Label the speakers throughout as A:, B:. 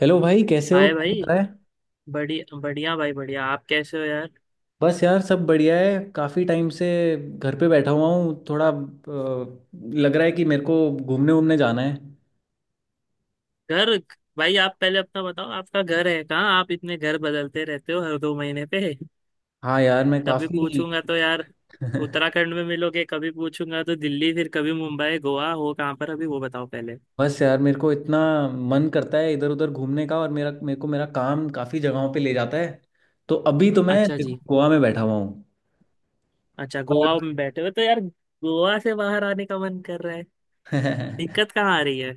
A: Hello भाई, कैसे हो?
B: हाय
A: क्या चल
B: भाई।
A: रहा है?
B: बढ़िया बढ़िया भाई बढ़िया, आप कैसे हो यार।
A: बस यार, सब बढ़िया है। काफ़ी टाइम से घर पे बैठा हुआ हूँ, थोड़ा लग रहा है कि मेरे को घूमने वूमने जाना है।
B: घर भाई आप पहले अपना बताओ, आपका घर है कहाँ? आप इतने घर बदलते रहते हो हर 2 महीने पे
A: हाँ यार, मैं
B: कभी
A: काफ़ी
B: पूछूंगा तो यार उत्तराखंड में मिलोगे, कभी पूछूंगा तो दिल्ली, फिर कभी मुंबई, गोवा। हो कहाँ पर अभी, वो बताओ पहले।
A: बस यार, मेरे को इतना मन करता है इधर उधर घूमने का, और मेरा मेरे को मेरा काम काफ़ी जगहों पे ले जाता है। तो अभी तो मैं,
B: अच्छा
A: देखो,
B: जी।
A: गोवा में बैठा हुआ हूँ,
B: अच्छा गोवा में बैठे हो तो यार गोवा से बाहर आने का मन कर रहा है?
A: पर
B: दिक्कत कहाँ आ रही है,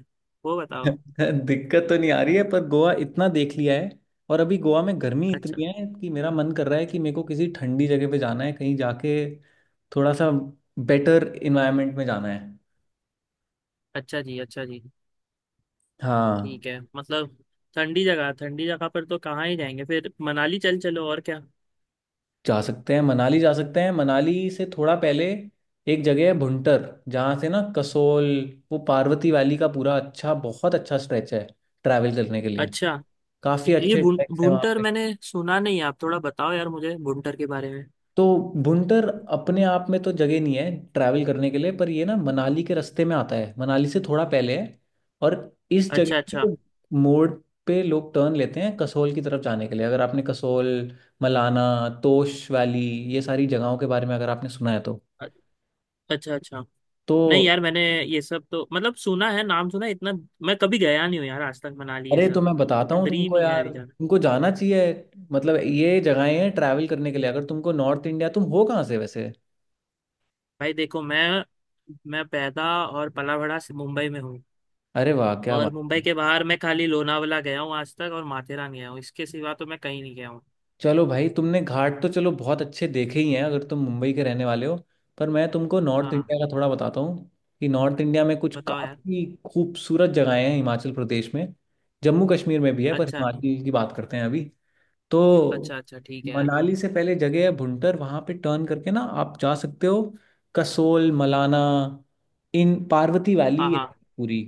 B: वो बताओ।
A: दिक्कत तो नहीं आ रही है, पर गोवा इतना देख लिया है। और अभी गोवा में गर्मी
B: अच्छा।
A: इतनी है कि मेरा मन कर रहा है कि मेरे को किसी ठंडी जगह पे जाना है, कहीं जाके थोड़ा सा बेटर इन्वायरमेंट में जाना है।
B: अच्छा जी, अच्छा जी,
A: हाँ,
B: ठीक है। मतलब ठंडी जगह, ठंडी जगह पर तो कहाँ ही जाएंगे फिर? मनाली चल चलो, और क्या।
A: जा सकते हैं, मनाली जा सकते हैं। मनाली से थोड़ा पहले एक जगह है भुंटर, जहाँ से ना कसोल, वो पार्वती वैली का पूरा बहुत अच्छा स्ट्रेच है ट्रैवल करने के लिए।
B: अच्छा।
A: काफ़ी
B: ये
A: अच्छे ट्रैक्स हैं वहाँ।
B: भुंटर मैंने सुना नहीं है, आप थोड़ा बताओ यार मुझे भुंटर के बारे में।
A: तो भुंटर अपने आप में तो जगह नहीं है ट्रैवल करने के लिए, पर ये ना मनाली के रास्ते में आता है, मनाली से थोड़ा पहले है। और इस
B: अच्छा
A: जगह
B: अच्छा
A: को मोड़ पे लोग टर्न लेते हैं कसोल की तरफ जाने के लिए। अगर आपने कसोल, मलाना, तोश वैली, ये सारी जगहों के बारे में अगर आपने सुना है तो
B: अ- अच्छा अच्छा।
A: तो
B: नहीं यार मैंने ये सब तो मतलब सुना है, नाम सुना है, इतना। मैं कभी गया नहीं हूँ यार आज तक मनाली ये
A: अरे, तो मैं
B: सब,
A: बताता हूँ
B: ड्रीम
A: तुमको
B: ही है
A: यार,
B: अभी जाना।
A: तुमको जाना चाहिए। मतलब ये जगहें हैं ट्रैवल करने के लिए, अगर तुमको नॉर्थ इंडिया। तुम हो कहाँ से वैसे?
B: भाई देखो मैं पैदा और पला बड़ा से मुंबई में हूँ।
A: अरे वाह, क्या
B: और
A: बात
B: मुंबई
A: है!
B: के बाहर मैं खाली लोनावला गया हूँ आज तक, और माथेरान गया हूँ। इसके सिवा तो मैं कहीं नहीं गया हूँ।
A: चलो भाई, तुमने घाट तो चलो बहुत अच्छे देखे ही हैं अगर तुम मुंबई के रहने वाले हो। पर मैं तुमको नॉर्थ
B: हाँ।
A: इंडिया का थोड़ा बताता हूँ कि नॉर्थ इंडिया में कुछ
B: बताओ यार।
A: काफ़ी खूबसूरत जगहें हैं हिमाचल प्रदेश में। जम्मू कश्मीर में भी है, पर
B: अच्छा।
A: हिमाचल की बात करते हैं अभी। तो
B: अच्छा अच्छा ठीक है यार।
A: मनाली से पहले जगह है भुंटर, वहां पे टर्न करके ना आप जा सकते हो कसोल, मलाना। इन पार्वती
B: हाँ
A: वैली है
B: हाँ।
A: पूरी।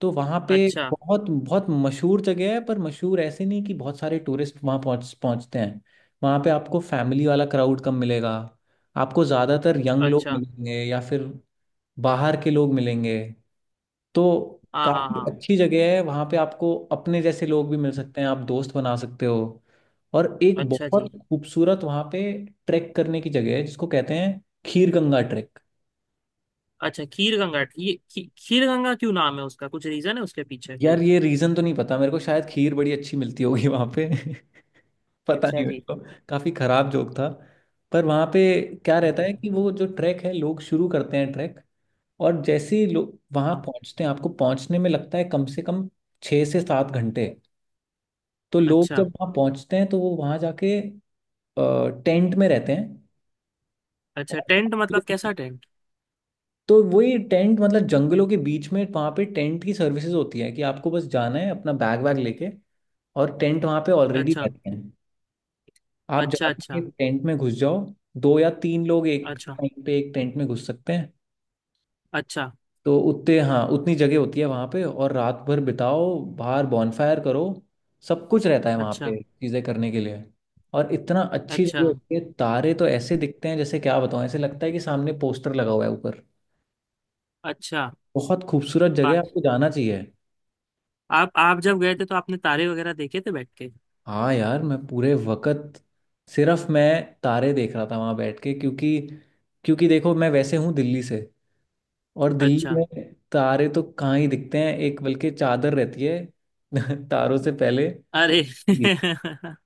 A: तो वहाँ पे
B: अच्छा
A: बहुत बहुत मशहूर जगह है, पर मशहूर ऐसे नहीं कि बहुत सारे टूरिस्ट वहाँ पहुँचते हैं। वहाँ पे आपको फैमिली वाला क्राउड कम मिलेगा। आपको ज़्यादातर यंग लोग
B: अच्छा।
A: मिलेंगे या फिर बाहर के लोग मिलेंगे। तो
B: हाँ हाँ
A: काफी
B: हाँ।
A: अच्छी जगह है, वहां पे आपको अपने जैसे लोग भी मिल सकते हैं, आप दोस्त बना सकते हो। और एक
B: अच्छा
A: बहुत
B: जी।
A: खूबसूरत वहां पे ट्रैक करने की जगह है जिसको कहते हैं खीर गंगा ट्रैक।
B: अच्छा खीर गंगा, ये खीर गंगा क्यों नाम है उसका? कुछ रीजन है उसके पीछे?
A: यार, ये रीजन तो नहीं पता मेरे को, शायद खीर बड़ी अच्छी मिलती होगी वहां पे। पता
B: अच्छा
A: नहीं मेरे
B: जी।
A: को। काफी खराब जोक था। पर वहां पे क्या रहता
B: ओके।
A: है कि वो जो ट्रैक है, लोग शुरू करते हैं ट्रैक। और जैसे ही लोग वहां
B: हाँ।
A: पहुंचते हैं, आपको पहुंचने में लगता है कम से कम 6 से 7 घंटे। तो लोग
B: अच्छा।
A: जब वहाँ पहुँचते हैं तो वो वहाँ जाके टेंट में रहते हैं।
B: अच्छा
A: और
B: टेंट मतलब कैसा टेंट?
A: तो वही टेंट, मतलब जंगलों के बीच में वहाँ पे टेंट की सर्विसेज होती है कि आपको बस जाना है अपना बैग वैग लेके, और टेंट वहाँ पे ऑलरेडी
B: अच्छा।
A: रहते हैं। आप
B: अच्छा।
A: जाके
B: अच्छा।
A: टेंट में घुस जाओ। दो या तीन लोग एक
B: अच्छा।
A: टाइम पे एक टेंट में घुस सकते हैं।
B: अच्छा।
A: तो उतने, हाँ, उतनी जगह होती है वहाँ पे, और रात भर बिताओ, बाहर बॉनफायर करो। सब कुछ रहता है वहाँ
B: अच्छा।
A: पे चीज़ें करने के लिए। और इतना अच्छी
B: अच्छा।
A: जगह होती है, तारे तो ऐसे दिखते हैं, जैसे क्या बताऊँ, ऐसे लगता है कि सामने पोस्टर लगा हुआ है ऊपर।
B: अच्छा।
A: बहुत खूबसूरत जगह है,
B: पा-
A: आपको जाना चाहिए।
B: आप जब गए थे तो आपने तारे वगैरह देखे थे बैठ के?
A: हाँ यार, मैं पूरे वक्त, सिर्फ मैं तारे देख रहा था वहाँ बैठ के। क्योंकि क्योंकि देखो, मैं वैसे हूँ दिल्ली से, और दिल्ली
B: अच्छा।
A: में तारे तो कहाँ ही दिखते हैं, एक बल्कि चादर रहती है। तारों से पहले।
B: अरे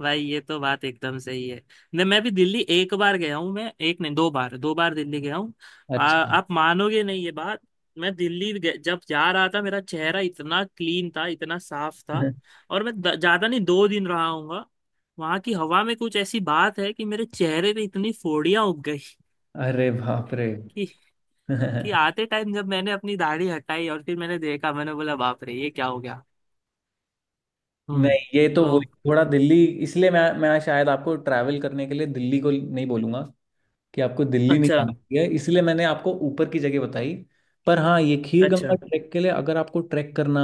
B: भाई ये तो बात एकदम सही है। नहीं, मैं भी दिल्ली एक बार गया हूँ। मैं एक नहीं, 2 बार, 2 बार दिल्ली गया हूँ।
A: अच्छा।
B: आप मानोगे नहीं ये बात। मैं दिल्ली जब जा रहा था, मेरा चेहरा इतना क्लीन था, इतना साफ था। और मैं ज्यादा नहीं, 2 दिन रहा हूँगा। वहां की हवा में कुछ ऐसी बात है कि मेरे चेहरे पे इतनी फोड़ियां उग गई
A: अरे बाप रे!
B: कि, कि आते टाइम जब मैंने अपनी दाढ़ी हटाई और फिर मैंने देखा, मैंने बोला बाप रे ये क्या हो गया। हम्म।
A: नहीं, ये तो
B: तो
A: वही थोड़ा दिल्ली, इसलिए मैं शायद आपको ट्रैवल करने के लिए दिल्ली को नहीं बोलूंगा, कि आपको दिल्ली नहीं
B: अच्छा
A: जाना चाहिए, इसलिए मैंने आपको ऊपर की जगह बताई। पर हाँ, ये खीर गंगा
B: अच्छा।
A: ट्रैक के लिए अगर आपको ट्रैक करना,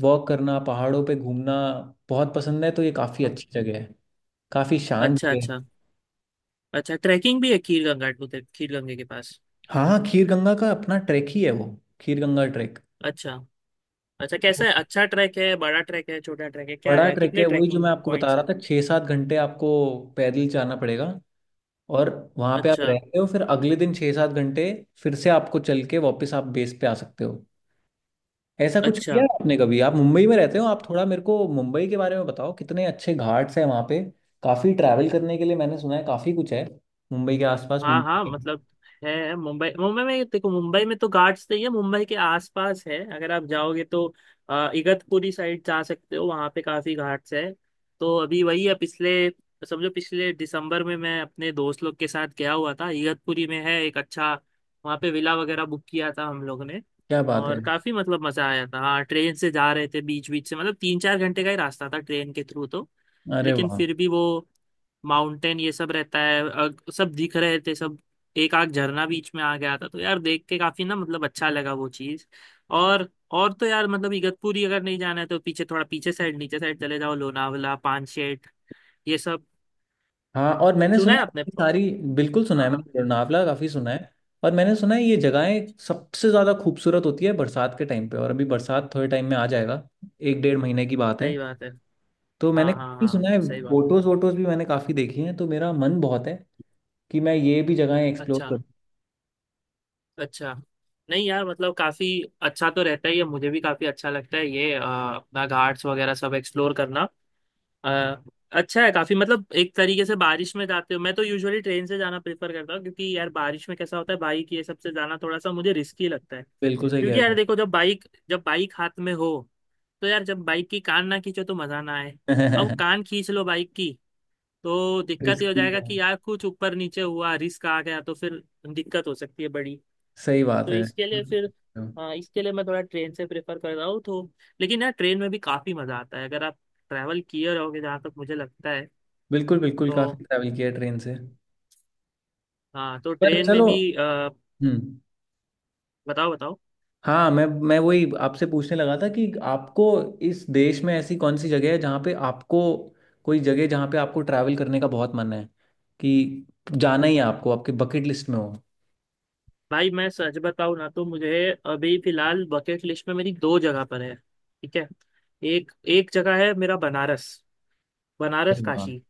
A: वॉक करना, पहाड़ों पे घूमना बहुत पसंद है तो ये काफ़ी अच्छी जगह है, काफ़ी शांत
B: अच्छा।
A: जगह।
B: अच्छा। अच्छा ट्रैकिंग भी है खीर गंगा उधर, खीर गंगे के पास?
A: हाँ, खीर गंगा का अपना ट्रैक ही है वो, खीर गंगा ट्रैक।
B: अच्छा। अच्छा कैसा
A: वो
B: है? अच्छा ट्रैक है? बड़ा ट्रैक है, छोटा ट्रैक है, क्या
A: बड़ा
B: है?
A: ट्रैक है,
B: कितने
A: वही जो
B: ट्रैकिंग
A: मैं आपको बता
B: पॉइंट्स
A: रहा
B: है?
A: था, 6 7 घंटे आपको पैदल जाना पड़ेगा। और वहाँ पे आप
B: अच्छा।
A: रहते हो, फिर अगले दिन 6 7 घंटे फिर से आपको चल के वापस आप बेस पे आ सकते हो। ऐसा कुछ किया
B: अच्छा।
A: है आपने कभी? आप मुंबई में रहते हो, आप थोड़ा मेरे को मुंबई के बारे में बताओ, कितने अच्छे घाट्स हैं वहाँ पे। काफ़ी ट्रैवल करने के लिए मैंने सुना है, काफ़ी कुछ है मुंबई के आसपास,
B: हाँ हाँ।
A: मुंबई।
B: मतलब है मुंबई, मुंबई में देखो मुंबई में तो घाट्स नहीं है, मुंबई के आसपास है। अगर आप जाओगे तो इगतपुरी साइड जा सकते हो, वहाँ पे काफी घाट्स है। तो अभी वही है पिछले, समझो पिछले दिसंबर में मैं अपने दोस्त लोग के साथ गया हुआ था, इगतपुरी में है एक अच्छा, वहाँ पे विला वगैरह बुक किया था हम लोग ने।
A: क्या बात है!
B: और काफी मतलब मजा आया था। हाँ ट्रेन से जा रहे थे बीच बीच से, मतलब 3-4 घंटे का ही रास्ता था ट्रेन के थ्रू तो।
A: अरे
B: लेकिन
A: वाह!
B: फिर भी वो माउंटेन ये सब रहता है, सब दिख रहे थे सब। एक आग झरना बीच में आ गया था तो यार देख के काफी ना मतलब अच्छा लगा वो चीज। और तो यार मतलब इगतपुरी अगर नहीं जाना है तो पीछे, थोड़ा पीछे साइड, नीचे साइड चले जाओ लोनावला, पानशेट, ये सब।
A: हाँ, और मैंने
B: सुना
A: सुना
B: है
A: है
B: आपने
A: ये सारी। बिल्कुल सुना है
B: हाँ
A: मैंने,
B: हाँ
A: लोनावला काफ़ी सुना है। और मैंने सुना है ये जगहें सबसे ज़्यादा खूबसूरत होती है बरसात के टाइम पे, और अभी बरसात थोड़े टाइम में आ जाएगा, एक डेढ़ महीने की बात है।
B: सही बात है।
A: तो मैंने
B: हाँ हाँ
A: काफ़ी सुना
B: हाँ
A: है,
B: सही बात है।
A: फोटोज़ वोटोज़ भी मैंने काफ़ी देखी हैं, तो मेरा मन बहुत है कि मैं ये भी जगहें एक्सप्लोर
B: अच्छा
A: करूँ।
B: अच्छा। नहीं यार मतलब काफी अच्छा तो रहता ही है, मुझे भी काफी अच्छा लगता है ये अपना घाट्स वगैरह सब एक्सप्लोर करना। आ, अच्छा है काफी, मतलब एक तरीके से। बारिश में जाते हो मैं तो यूजुअली ट्रेन से जाना प्रेफर करता हूँ, क्योंकि यार बारिश में कैसा होता है बाइक ये सबसे जाना थोड़ा सा मुझे रिस्की लगता है,
A: बिल्कुल सही कह
B: क्योंकि यार
A: रहा
B: देखो जब बाइक, जब बाइक हाथ में हो तो यार जब बाइक की कान ना खींचो तो मजा ना आए। अब
A: हूँ
B: कान खींच लो बाइक की तो दिक्कत ये हो
A: रिस्की
B: जाएगा
A: है।
B: कि यार कुछ ऊपर नीचे हुआ, रिस्क आ गया तो फिर दिक्कत हो सकती है बड़ी।
A: सही बात
B: तो
A: है।
B: इसके लिए फिर, हाँ इसके लिए मैं थोड़ा ट्रेन से प्रेफर कर रहा हूँ तो। लेकिन यार ट्रेन में भी काफ़ी मज़ा आता है अगर आप ट्रैवल किए रहोगे, जहाँ तक मुझे लगता है।
A: बिल्कुल बिल्कुल,
B: तो
A: काफ़ी ट्रैवल किया ट्रेन से।
B: हाँ तो
A: पर
B: ट्रेन में
A: चलो।
B: भी
A: हम्म।
B: बताओ बताओ।
A: हाँ, मैं वही आपसे पूछने लगा था कि आपको इस देश में ऐसी कौन सी जगह है जहाँ पे आपको कोई जगह जहाँ पे आपको ट्रैवल करने का बहुत मन है, कि जाना ही है आपको, आपकी बकेट लिस्ट में हो।
B: भाई मैं सच बताऊँ ना तो मुझे अभी फिलहाल बकेट लिस्ट में मेरी 2 जगह पर है, ठीक है। एक एक जगह है मेरा बनारस, बनारस
A: अरे वाह!
B: काशी।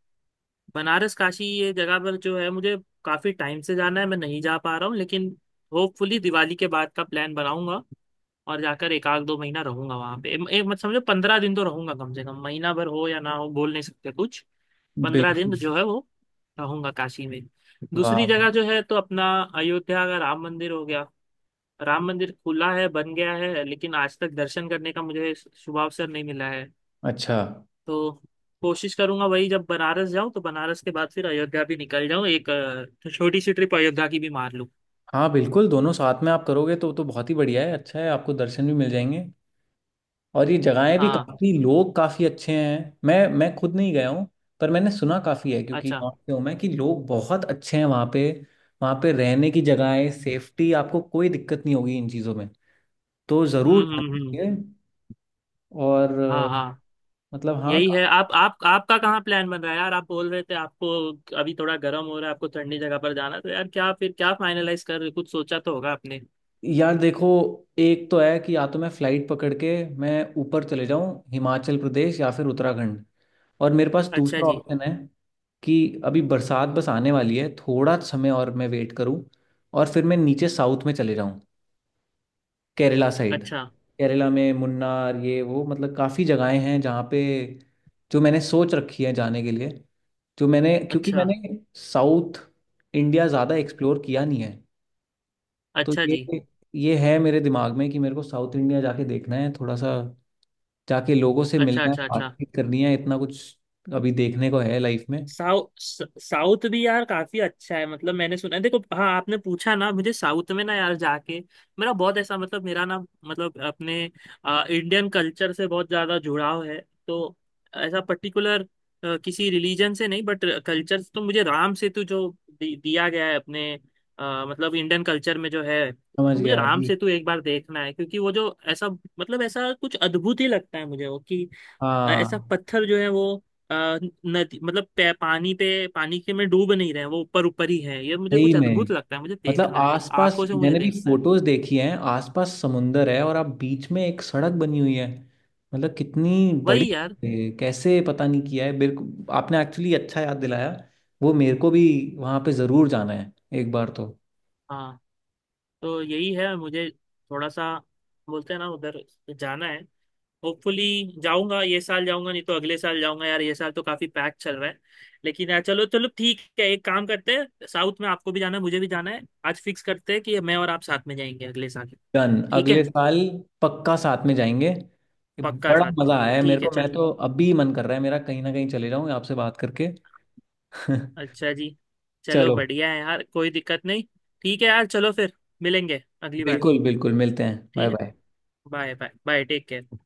B: बनारस काशी ये जगह पर जो है मुझे काफ़ी टाइम से जाना है, मैं नहीं जा पा रहा हूँ लेकिन होपफुली दिवाली के बाद का प्लान बनाऊंगा और जाकर एक आध 2 महीना रहूंगा वहां पे। एक एक मत समझो, 15 दिन तो रहूंगा कम से कम, महीना भर हो या ना हो बोल नहीं सकते कुछ। 15 दिन
A: बिल्कुल!
B: जो है वो रहूंगा काशी में। दूसरी
A: वाह!
B: जगह जो है तो अपना अयोध्या का राम मंदिर हो गया। राम मंदिर खुला है, बन गया है लेकिन आज तक दर्शन करने का मुझे शुभ अवसर नहीं मिला है।
A: अच्छा।
B: तो कोशिश करूंगा, वही जब बनारस जाऊं तो बनारस के बाद फिर अयोध्या भी निकल जाऊं, एक छोटी सी ट्रिप अयोध्या की भी मार लूं।
A: हाँ बिल्कुल, दोनों साथ में आप करोगे तो बहुत ही बढ़िया है, अच्छा है, आपको दर्शन भी मिल जाएंगे। और ये जगहें भी,
B: हाँ।
A: काफ़ी लोग काफ़ी अच्छे हैं, मैं खुद नहीं गया हूँ, पर मैंने सुना काफ़ी है क्योंकि
B: अच्छा।
A: नॉर्थ से हूँ मैं, कि लोग बहुत अच्छे हैं वहाँ पे। वहाँ पे रहने की जगहें, सेफ्टी, आपको कोई दिक्कत नहीं होगी इन चीज़ों में। तो ज़रूर जाना
B: हम्म।
A: चाहिए। और
B: हाँ हाँ।
A: मतलब हाँ,
B: यही है, आप आपका कहाँ प्लान बन रहा है यार? आप बोल रहे थे आपको अभी थोड़ा गर्म हो रहा है, आपको ठंडी जगह पर जाना है, तो यार क्या फिर, क्या फाइनलाइज कर कुछ सोचा तो होगा आपने।
A: यार देखो, एक तो है कि या तो मैं फ़्लाइट पकड़ के मैं ऊपर चले जाऊँ हिमाचल प्रदेश या फिर उत्तराखंड, और मेरे पास
B: अच्छा
A: दूसरा
B: जी।
A: ऑप्शन है कि अभी बरसात बस आने वाली है, थोड़ा समय और मैं वेट करूं, और फिर मैं नीचे साउथ में चले जाऊं, केरला साइड।
B: अच्छा।
A: केरला में मुन्नार, ये वो, मतलब काफ़ी जगहें हैं जहाँ पे जो मैंने सोच रखी है जाने के लिए, जो मैंने क्योंकि
B: अच्छा।
A: मैंने साउथ इंडिया ज़्यादा एक्सप्लोर किया नहीं है। तो
B: अच्छा
A: ये
B: जी।
A: ये है मेरे दिमाग में कि मेरे को साउथ इंडिया जाके देखना है थोड़ा सा, जाके लोगों से
B: अच्छा।
A: मिलना है,
B: अच्छा। अच्छा।
A: बातचीत करनी है, इतना कुछ अभी देखने को है लाइफ में।
B: साउथ, साउथ भी यार काफी अच्छा है मतलब मैंने सुना है। देखो, हाँ आपने पूछा ना मुझे, साउथ में ना यार जाके, मेरा बहुत ऐसा मतलब, मेरा ना मतलब अपने इंडियन कल्चर से बहुत ज्यादा जुड़ाव है। तो ऐसा पर्टिकुलर किसी रिलीजन से नहीं, बट कल्चर, तो मुझे राम सेतु जो दिया गया है अपने, मतलब इंडियन कल्चर में जो है,
A: समझ
B: तो मुझे
A: गया
B: राम
A: जी।
B: सेतु एक बार देखना है, क्योंकि वो जो ऐसा, मतलब ऐसा कुछ अद्भुत ही लगता है मुझे वो, कि ऐसा
A: हाँ
B: पत्थर जो है वो, अ, नदी मतलब पानी पे, पानी के में डूब नहीं रहे, वो ऊपर ऊपर ही है, ये मुझे
A: सही
B: कुछ
A: में,
B: अद्भुत लगता है, मुझे
A: मतलब
B: देखना है।
A: आसपास
B: आंखों से मुझे
A: मैंने भी
B: देखना है।
A: फोटोज देखी हैं, आसपास समुंदर है और आप बीच में एक सड़क बनी हुई है, मतलब कितनी बड़ी।
B: वही यार।
A: कैसे, पता नहीं, किया है मेरे को आपने एक्चुअली अच्छा याद दिलाया, वो मेरे को भी वहां पे जरूर जाना है एक बार तो।
B: हाँ तो यही है मुझे, थोड़ा सा बोलते हैं ना उधर जाना है होपफुली। जाऊंगा, ये साल जाऊंगा नहीं तो अगले साल जाऊंगा यार, ये साल तो काफी पैक चल रहा है। लेकिन यार चलो चलो ठीक है, एक काम करते हैं, साउथ में आपको भी जाना है, मुझे भी जाना है, आज फिक्स करते हैं कि मैं और आप साथ में जाएंगे अगले साल।
A: डन,
B: ठीक
A: अगले
B: है।
A: साल पक्का साथ में जाएंगे।
B: पक्का
A: बड़ा
B: साथ में
A: मजा आया
B: जाएंगे,
A: है मेरे
B: ठीक है
A: को,
B: चल।
A: मैं तो अभी मन कर रहा है मेरा कहीं ना कहीं चले जाऊं आपसे बात करके।
B: अच्छा जी। चलो
A: चलो।
B: बढ़िया है यार, कोई दिक्कत नहीं। ठीक है यार चलो फिर, मिलेंगे अगली बार।
A: बिल्कुल बिल्कुल, मिलते हैं। बाय
B: ठीक है।
A: Bye.
B: Bye bye, bye take care.